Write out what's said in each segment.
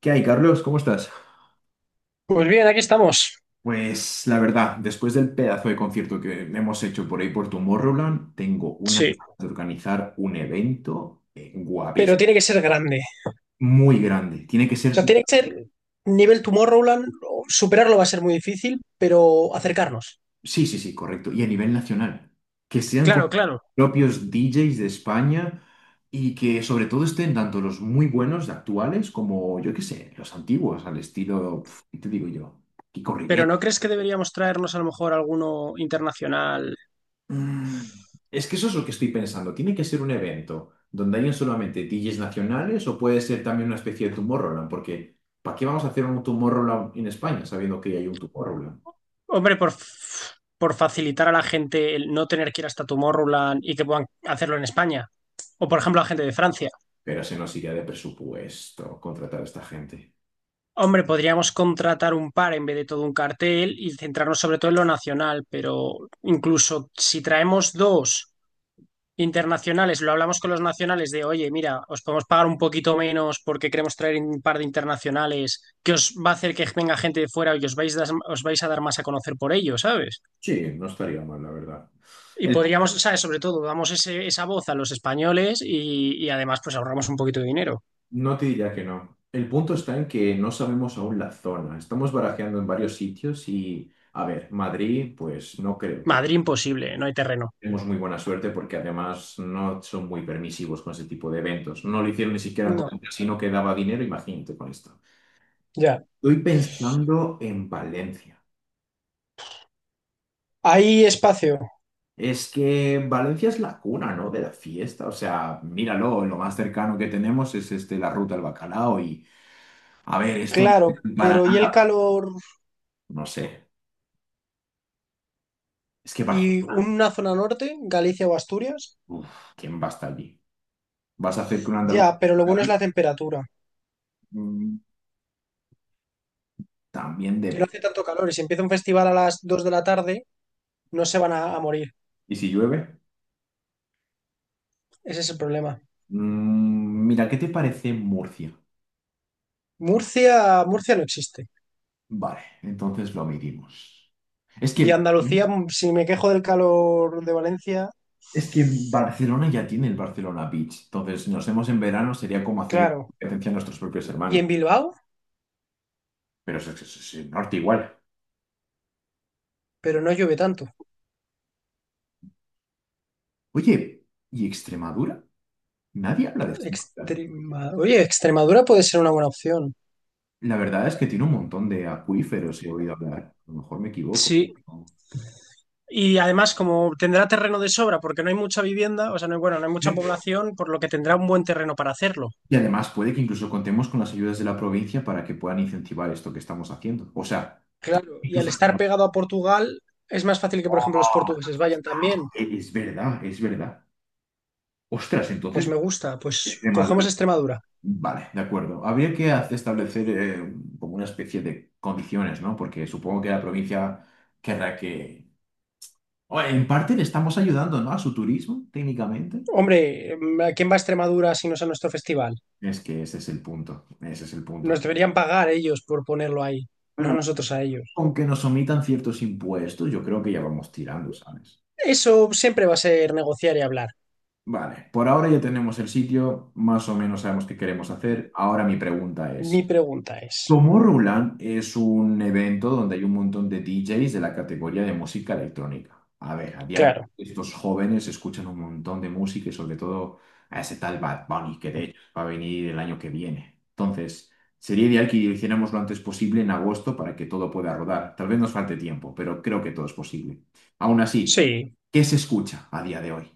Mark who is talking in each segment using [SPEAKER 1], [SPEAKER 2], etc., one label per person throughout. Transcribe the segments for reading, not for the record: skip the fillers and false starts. [SPEAKER 1] ¿Qué hay, Carlos? ¿Cómo estás?
[SPEAKER 2] Pues bien, aquí estamos.
[SPEAKER 1] Pues la verdad, después del pedazo de concierto que hemos hecho por ahí por Tomorrowland, tengo una ganas
[SPEAKER 2] Sí.
[SPEAKER 1] de organizar un evento
[SPEAKER 2] Pero
[SPEAKER 1] guapísimo,
[SPEAKER 2] tiene que ser grande.
[SPEAKER 1] muy grande. Tiene que
[SPEAKER 2] O
[SPEAKER 1] ser,
[SPEAKER 2] sea, tiene que ser nivel Tomorrowland. O superarlo va a ser muy difícil, pero acercarnos.
[SPEAKER 1] sí, sí, sí, correcto, y a nivel nacional. Que sean con
[SPEAKER 2] Claro, claro.
[SPEAKER 1] propios DJs de España y que sobre todo estén tanto los muy buenos actuales como, yo qué sé, los antiguos, al estilo, pf, ¿qué te digo yo? Kiko
[SPEAKER 2] Pero
[SPEAKER 1] Rivera.
[SPEAKER 2] ¿no crees que deberíamos traernos a lo mejor alguno internacional?
[SPEAKER 1] Mm, Es que eso es lo que estoy pensando. ¿Tiene que ser un evento donde hayan solamente DJs nacionales o puede ser también una especie de Tomorrowland? Porque ¿para qué vamos a hacer un Tomorrowland en España sabiendo que ya hay un Tomorrowland?
[SPEAKER 2] Hombre, por facilitar a la gente el no tener que ir hasta Tomorrowland y que puedan hacerlo en España. O por ejemplo, a gente de Francia.
[SPEAKER 1] Pero se nos iría de presupuesto contratar a esta gente.
[SPEAKER 2] Hombre, podríamos contratar un par en vez de todo un cartel y centrarnos sobre todo en lo nacional, pero incluso si traemos dos internacionales, lo hablamos con los nacionales de, oye, mira, os podemos pagar un poquito menos porque queremos traer un par de internacionales que os va a hacer que venga gente de fuera y os vais a dar más a conocer por ello, ¿sabes?
[SPEAKER 1] Sí, no estaría mal, la verdad.
[SPEAKER 2] Y
[SPEAKER 1] El-
[SPEAKER 2] podríamos, ¿sabes? Sobre todo, damos esa voz a los españoles y además pues ahorramos un poquito de dinero.
[SPEAKER 1] no te diría que no. El punto está en que no sabemos aún la zona. Estamos barajeando en varios sitios y, a ver, Madrid, pues no creo que...
[SPEAKER 2] Madrid imposible, no hay terreno.
[SPEAKER 1] Tenemos muy buena suerte porque además no son muy permisivos con ese tipo de eventos. No lo hicieron ni siquiera con el
[SPEAKER 2] No,
[SPEAKER 1] casino que daba dinero, imagínate con esto.
[SPEAKER 2] ya.
[SPEAKER 1] Estoy pensando en Valencia.
[SPEAKER 2] Hay espacio,
[SPEAKER 1] Es que Valencia es la cuna, ¿no? De la fiesta. O sea, míralo, lo más cercano que tenemos es este, la ruta del bacalao y, a ver, esto no
[SPEAKER 2] claro,
[SPEAKER 1] sirve para
[SPEAKER 2] pero ¿y el
[SPEAKER 1] nada.
[SPEAKER 2] calor
[SPEAKER 1] No sé. Es que
[SPEAKER 2] y
[SPEAKER 1] Barcelona,
[SPEAKER 2] una zona norte, Galicia o Asturias?
[SPEAKER 1] uf, ¿quién va a estar allí? ¿Vas a hacer que un andaluz
[SPEAKER 2] Ya, pero lo
[SPEAKER 1] esté
[SPEAKER 2] bueno es la
[SPEAKER 1] arriba?
[SPEAKER 2] temperatura,
[SPEAKER 1] Mm, También
[SPEAKER 2] que no
[SPEAKER 1] de...
[SPEAKER 2] hace tanto calor y si empieza un festival a las 2 de la tarde, no se van a morir.
[SPEAKER 1] ¿Y si llueve?
[SPEAKER 2] Ese es el problema.
[SPEAKER 1] Mira, ¿qué te parece Murcia?
[SPEAKER 2] Murcia, Murcia no existe.
[SPEAKER 1] Vale, entonces lo medimos. Es
[SPEAKER 2] Y
[SPEAKER 1] que,
[SPEAKER 2] Andalucía, si me quejo del calor de Valencia,
[SPEAKER 1] es que Barcelona ya tiene el Barcelona Beach, entonces si nos vemos en verano sería como hacer
[SPEAKER 2] claro.
[SPEAKER 1] competencia a nuestros propios
[SPEAKER 2] Y
[SPEAKER 1] hermanos,
[SPEAKER 2] en Bilbao,
[SPEAKER 1] pero es el norte igual.
[SPEAKER 2] pero no llueve tanto.
[SPEAKER 1] Oye, ¿y Extremadura? Nadie habla de Extremadura.
[SPEAKER 2] Oye, Extremadura puede ser una buena opción.
[SPEAKER 1] La verdad es que tiene un montón de acuíferos, he oído hablar. A lo mejor me equivoco,
[SPEAKER 2] Sí.
[SPEAKER 1] no.
[SPEAKER 2] Y además, como tendrá terreno de sobra, porque no hay mucha vivienda, o sea, no hay, bueno, no hay mucha población, por lo que tendrá un buen terreno para hacerlo.
[SPEAKER 1] Y además puede que incluso contemos con las ayudas de la provincia para que puedan incentivar esto que estamos haciendo. O sea,
[SPEAKER 2] Claro, y al
[SPEAKER 1] incluso...
[SPEAKER 2] estar pegado a Portugal, es más fácil que, por ejemplo, los
[SPEAKER 1] ¡Oh!
[SPEAKER 2] portugueses vayan también.
[SPEAKER 1] Es verdad, es verdad. Ostras,
[SPEAKER 2] Pues
[SPEAKER 1] entonces,
[SPEAKER 2] me gusta, pues cogemos
[SPEAKER 1] Extremadura.
[SPEAKER 2] Extremadura.
[SPEAKER 1] Vale, de acuerdo. Habría que establecer como una especie de condiciones, ¿no? Porque supongo que la provincia querrá que... O en parte le estamos ayudando, ¿no? A su turismo, técnicamente.
[SPEAKER 2] Hombre, ¿a quién va a Extremadura si no es a nuestro festival?
[SPEAKER 1] Es que ese es el punto, ese es el
[SPEAKER 2] Nos
[SPEAKER 1] punto.
[SPEAKER 2] deberían pagar ellos por ponerlo ahí, no
[SPEAKER 1] Bueno,
[SPEAKER 2] nosotros a ellos.
[SPEAKER 1] aunque nos omitan ciertos impuestos, yo creo que ya vamos tirando, ¿sabes?
[SPEAKER 2] Eso siempre va a ser negociar y hablar.
[SPEAKER 1] Vale, por ahora ya tenemos el sitio, más o menos sabemos qué queremos hacer. Ahora mi pregunta es...
[SPEAKER 2] Mi pregunta es,
[SPEAKER 1] Tomorrowland es un evento donde hay un montón de DJs de la categoría de música electrónica. A ver, a día de hoy
[SPEAKER 2] claro,
[SPEAKER 1] estos jóvenes escuchan un montón de música y sobre todo a ese tal Bad Bunny, que de hecho va a venir el año que viene. Entonces, sería ideal que hiciéramos lo antes posible en agosto para que todo pueda rodar. Tal vez nos falte tiempo, pero creo que todo es posible. Aún así,
[SPEAKER 2] sí.
[SPEAKER 1] ¿qué se escucha a día de hoy?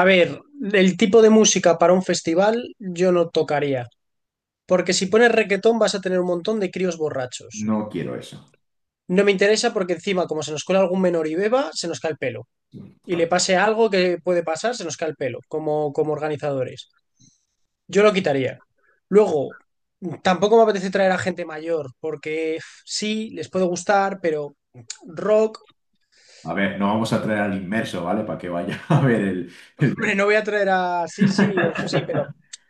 [SPEAKER 2] A ver, el tipo de música para un festival yo no tocaría, porque si pones requetón vas a tener un montón de críos borrachos.
[SPEAKER 1] No quiero eso.
[SPEAKER 2] No me interesa porque encima, como se nos cuela algún menor y beba, se nos cae el pelo. Y le pase algo que puede pasar, se nos cae el pelo, como organizadores. Yo lo quitaría. Luego, tampoco me apetece traer a gente mayor, porque sí, les puede gustar, pero rock,
[SPEAKER 1] A ver, no vamos a traer al inmerso, ¿vale? Para que vaya a ver el...
[SPEAKER 2] hombre, no voy a traer a... Sí, sí, sí, pero...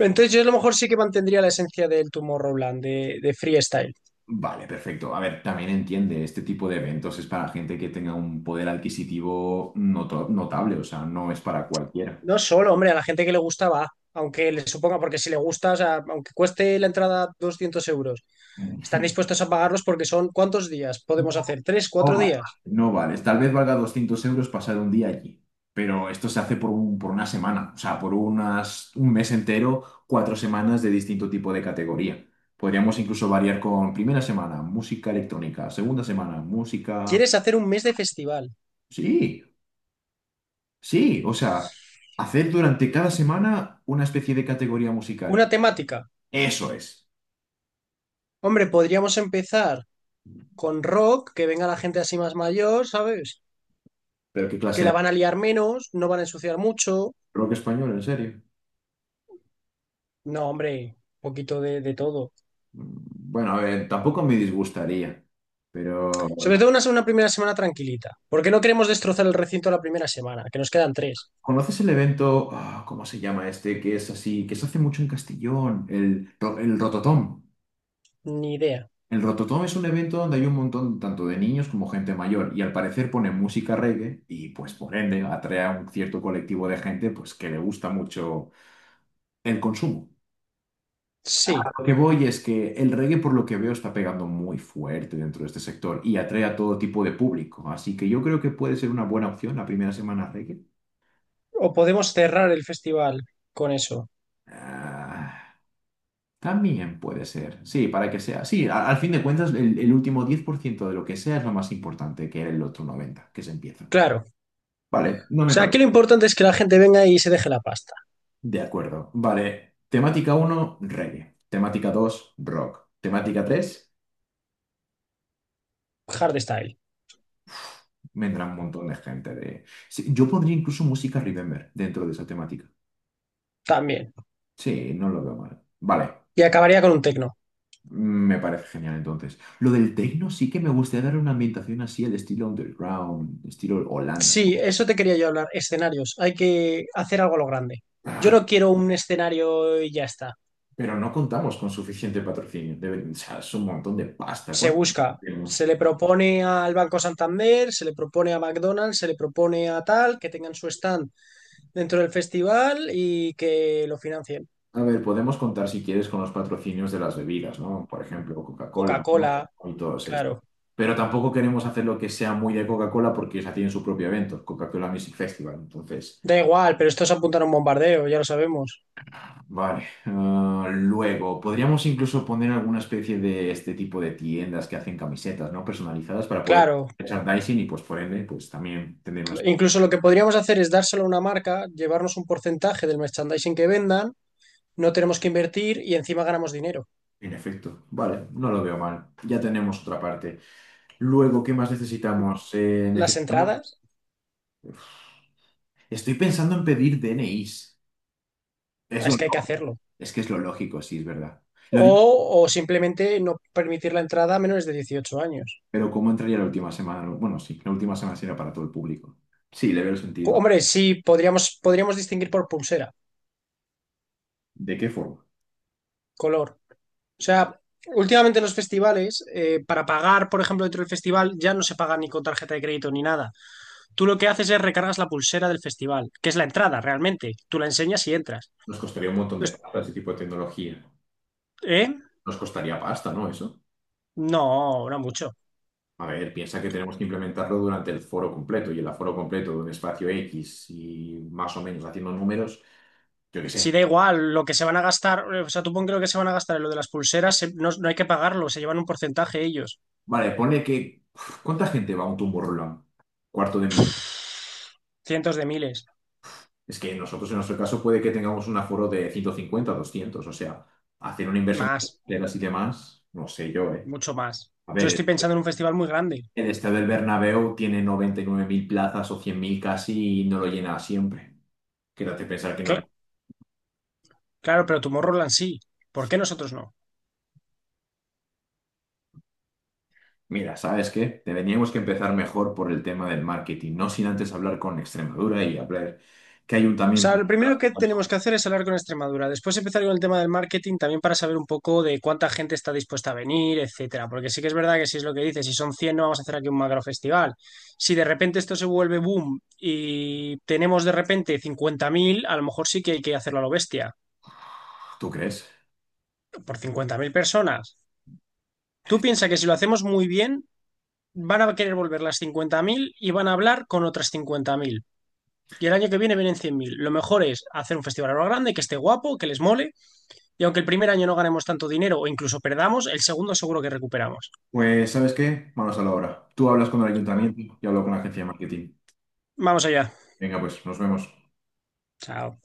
[SPEAKER 2] Entonces yo a lo mejor sí que mantendría la esencia del Tomorrowland, de freestyle.
[SPEAKER 1] Vale, perfecto. A ver, también entiende, este tipo de eventos es para gente que tenga un poder adquisitivo notable, o sea, no es para cualquiera.
[SPEAKER 2] No solo, hombre, a la gente que le gusta va, aunque le suponga, porque si le gusta, o sea, aunque cueste la entrada 200 euros, están dispuestos a pagarlos porque son ¿cuántos días? Podemos
[SPEAKER 1] No,
[SPEAKER 2] hacer tres,
[SPEAKER 1] no
[SPEAKER 2] cuatro
[SPEAKER 1] vale.
[SPEAKER 2] días.
[SPEAKER 1] No vale. Tal vez valga 200 euros pasar un día allí, pero esto se hace por por una semana, o sea, por unas, un mes entero, cuatro semanas de distinto tipo de categoría. Podríamos incluso variar con primera semana, música electrónica, segunda semana, música...
[SPEAKER 2] ¿Quieres hacer un mes de festival?
[SPEAKER 1] Sí, sí, o sea, hacer durante cada semana una especie de categoría musical.
[SPEAKER 2] Una temática.
[SPEAKER 1] Eso es.
[SPEAKER 2] Hombre, podríamos empezar con rock, que venga la gente así más mayor, ¿sabes?
[SPEAKER 1] Pero qué clase
[SPEAKER 2] Que
[SPEAKER 1] de
[SPEAKER 2] la van a liar menos, no van a ensuciar mucho.
[SPEAKER 1] rock español, en serio.
[SPEAKER 2] No, hombre, un poquito de todo.
[SPEAKER 1] Mm, Bueno, a ver, tampoco me disgustaría, pero
[SPEAKER 2] Sobre
[SPEAKER 1] no.
[SPEAKER 2] todo una primera semana tranquilita, porque no queremos destrozar el recinto la primera semana, que nos quedan tres.
[SPEAKER 1] ¿Conoces el evento, ah, cómo se llama este, que es así, que se hace mucho en Castellón, el, el Rototom?
[SPEAKER 2] Ni idea.
[SPEAKER 1] El Rototom es un evento donde hay un montón tanto de niños como gente mayor y al parecer ponen música reggae y pues por ende atrae a un cierto colectivo de gente pues que le gusta mucho el consumo.
[SPEAKER 2] Sí,
[SPEAKER 1] Lo que voy es que el reggae, por lo que veo, está pegando muy fuerte dentro de este sector y atrae a todo tipo de público. Así que yo creo que puede ser una buena opción la primera semana reggae.
[SPEAKER 2] o podemos cerrar el festival con eso.
[SPEAKER 1] Ah, también puede ser. Sí, para que sea. Sí, al fin de cuentas, el último 10% de lo que sea es lo más importante que el otro 90%, que se empieza.
[SPEAKER 2] Claro.
[SPEAKER 1] Vale, no
[SPEAKER 2] O
[SPEAKER 1] me
[SPEAKER 2] sea, aquí
[SPEAKER 1] parece.
[SPEAKER 2] lo importante es que la gente venga y se deje la pasta.
[SPEAKER 1] De acuerdo. Vale. Temática uno reggae. Temática 2 rock. Temática 3
[SPEAKER 2] Hardstyle.
[SPEAKER 1] vendrá un montón de gente de... Sí, yo pondría incluso música Remember dentro de esa temática.
[SPEAKER 2] También.
[SPEAKER 1] Sí, no lo veo mal. Vale,
[SPEAKER 2] Y acabaría con un techno.
[SPEAKER 1] me parece genial entonces. Lo del techno sí que me gustaría dar una ambientación así al estilo underground, estilo Holanda,
[SPEAKER 2] Sí,
[SPEAKER 1] ¿no?
[SPEAKER 2] eso te quería yo hablar, escenarios. Hay que hacer algo a lo grande. Yo no quiero un escenario y ya está.
[SPEAKER 1] Pero no contamos con suficiente patrocinio. O sea, es un montón de pasta.
[SPEAKER 2] Se
[SPEAKER 1] ¿Cuánto
[SPEAKER 2] busca, se
[SPEAKER 1] tenemos?
[SPEAKER 2] le propone al Banco Santander, se le propone a McDonald's, se le propone a tal, que tengan su stand dentro del festival y que lo financien.
[SPEAKER 1] A ver, podemos contar si quieres con los patrocinios de las bebidas, ¿no? Por ejemplo, Coca-Cola, ¿no?
[SPEAKER 2] Coca-Cola,
[SPEAKER 1] Y todos estos.
[SPEAKER 2] claro.
[SPEAKER 1] Pero tampoco queremos hacer lo que sea muy de Coca-Cola porque ya tienen su propio evento, Coca-Cola Music Festival. Entonces,
[SPEAKER 2] Da igual, pero esto es apuntar a un bombardeo, ya lo sabemos.
[SPEAKER 1] vale. Luego, podríamos incluso poner alguna especie de este tipo de tiendas que hacen camisetas, ¿no? Personalizadas para poder
[SPEAKER 2] Claro,
[SPEAKER 1] merchandising y pues por ende, pues también tener unas...
[SPEAKER 2] incluso lo que podríamos hacer es dárselo a una marca, llevarnos un porcentaje del merchandising que vendan, no tenemos que invertir y encima ganamos dinero.
[SPEAKER 1] En efecto, vale, no lo veo mal. Ya tenemos otra parte. Luego, ¿qué más necesitamos?
[SPEAKER 2] Las
[SPEAKER 1] Necesitamos...
[SPEAKER 2] entradas.
[SPEAKER 1] Estoy pensando en pedir DNIs. Es lo...
[SPEAKER 2] Es que hay que hacerlo.
[SPEAKER 1] Es que es lo lógico, sí, es verdad. Lo
[SPEAKER 2] O,
[SPEAKER 1] digo,
[SPEAKER 2] o simplemente no permitir la entrada a menores de 18 años.
[SPEAKER 1] pero ¿cómo entraría la última semana? Bueno, sí, la última semana será para todo el público. Sí, le veo el sentido.
[SPEAKER 2] Hombre, sí, podríamos, podríamos distinguir por pulsera,
[SPEAKER 1] ¿De qué forma?
[SPEAKER 2] color. O sea, últimamente en los festivales, para pagar, por ejemplo, dentro del festival, ya no se paga ni con tarjeta de crédito ni nada. Tú lo que haces es recargas la pulsera del festival, que es la entrada realmente. Tú la enseñas y entras.
[SPEAKER 1] Nos costaría un montón de
[SPEAKER 2] Pues,
[SPEAKER 1] plata ese tipo de tecnología.
[SPEAKER 2] ¿eh?
[SPEAKER 1] Nos costaría pasta, ¿no? Eso.
[SPEAKER 2] No, no mucho.
[SPEAKER 1] A ver, piensa que tenemos que implementarlo durante el foro completo y el aforo completo de un espacio X y más o menos haciendo números, yo qué
[SPEAKER 2] Si da
[SPEAKER 1] sé.
[SPEAKER 2] igual, lo que se van a gastar, o sea, tú pon que lo que se van a gastar en lo de las pulseras, no, no hay que pagarlo, se llevan un porcentaje ellos,
[SPEAKER 1] Vale, ponle que... uf, ¿Cuánta gente va a un Tomorrowland? ¿Cuarto de millón?
[SPEAKER 2] cientos de miles.
[SPEAKER 1] Es que nosotros en nuestro caso puede que tengamos un aforo de 150, 200, o sea, hacer una inversión de
[SPEAKER 2] Más,
[SPEAKER 1] carreteras y demás, no sé yo, ¿eh?
[SPEAKER 2] mucho más.
[SPEAKER 1] A
[SPEAKER 2] Yo
[SPEAKER 1] ver,
[SPEAKER 2] estoy pensando en un festival muy grande.
[SPEAKER 1] el estadio del Bernabéu tiene 99.000 plazas o 100.000 casi y no lo llena siempre. Quédate pensar que no...
[SPEAKER 2] Cla- claro, pero Tomorrowland sí. ¿Por qué nosotros no?
[SPEAKER 1] Mira, ¿sabes qué? Tendríamos que empezar mejor por el tema del marketing, no sin antes hablar con Extremadura y hablar qué
[SPEAKER 2] O sea,
[SPEAKER 1] ayuntamiento.
[SPEAKER 2] lo primero que tenemos que hacer es hablar con Extremadura. Después empezar con el tema del marketing también para saber un poco de cuánta gente está dispuesta a venir, etcétera. Porque sí que es verdad que si es lo que dices, si son 100 no vamos a hacer aquí un macro festival. Si de repente esto se vuelve boom y tenemos de repente 50.000 a lo mejor sí que hay que hacerlo a lo bestia,
[SPEAKER 1] ¿Tú crees?
[SPEAKER 2] por 50.000 personas. Tú piensas que si lo hacemos muy bien, van a querer volver las 50.000 y van a hablar con otras 50.000. Y el año que viene vienen 100.000. Lo mejor es hacer un festival ahora grande, que esté guapo, que les mole. Y aunque el primer año no ganemos tanto dinero o incluso perdamos, el segundo seguro que recuperamos.
[SPEAKER 1] Pues, ¿sabes qué? Manos a la obra. Tú hablas con el ayuntamiento y hablo con la agencia de marketing.
[SPEAKER 2] Vamos allá.
[SPEAKER 1] Venga, pues, nos vemos.
[SPEAKER 2] Chao.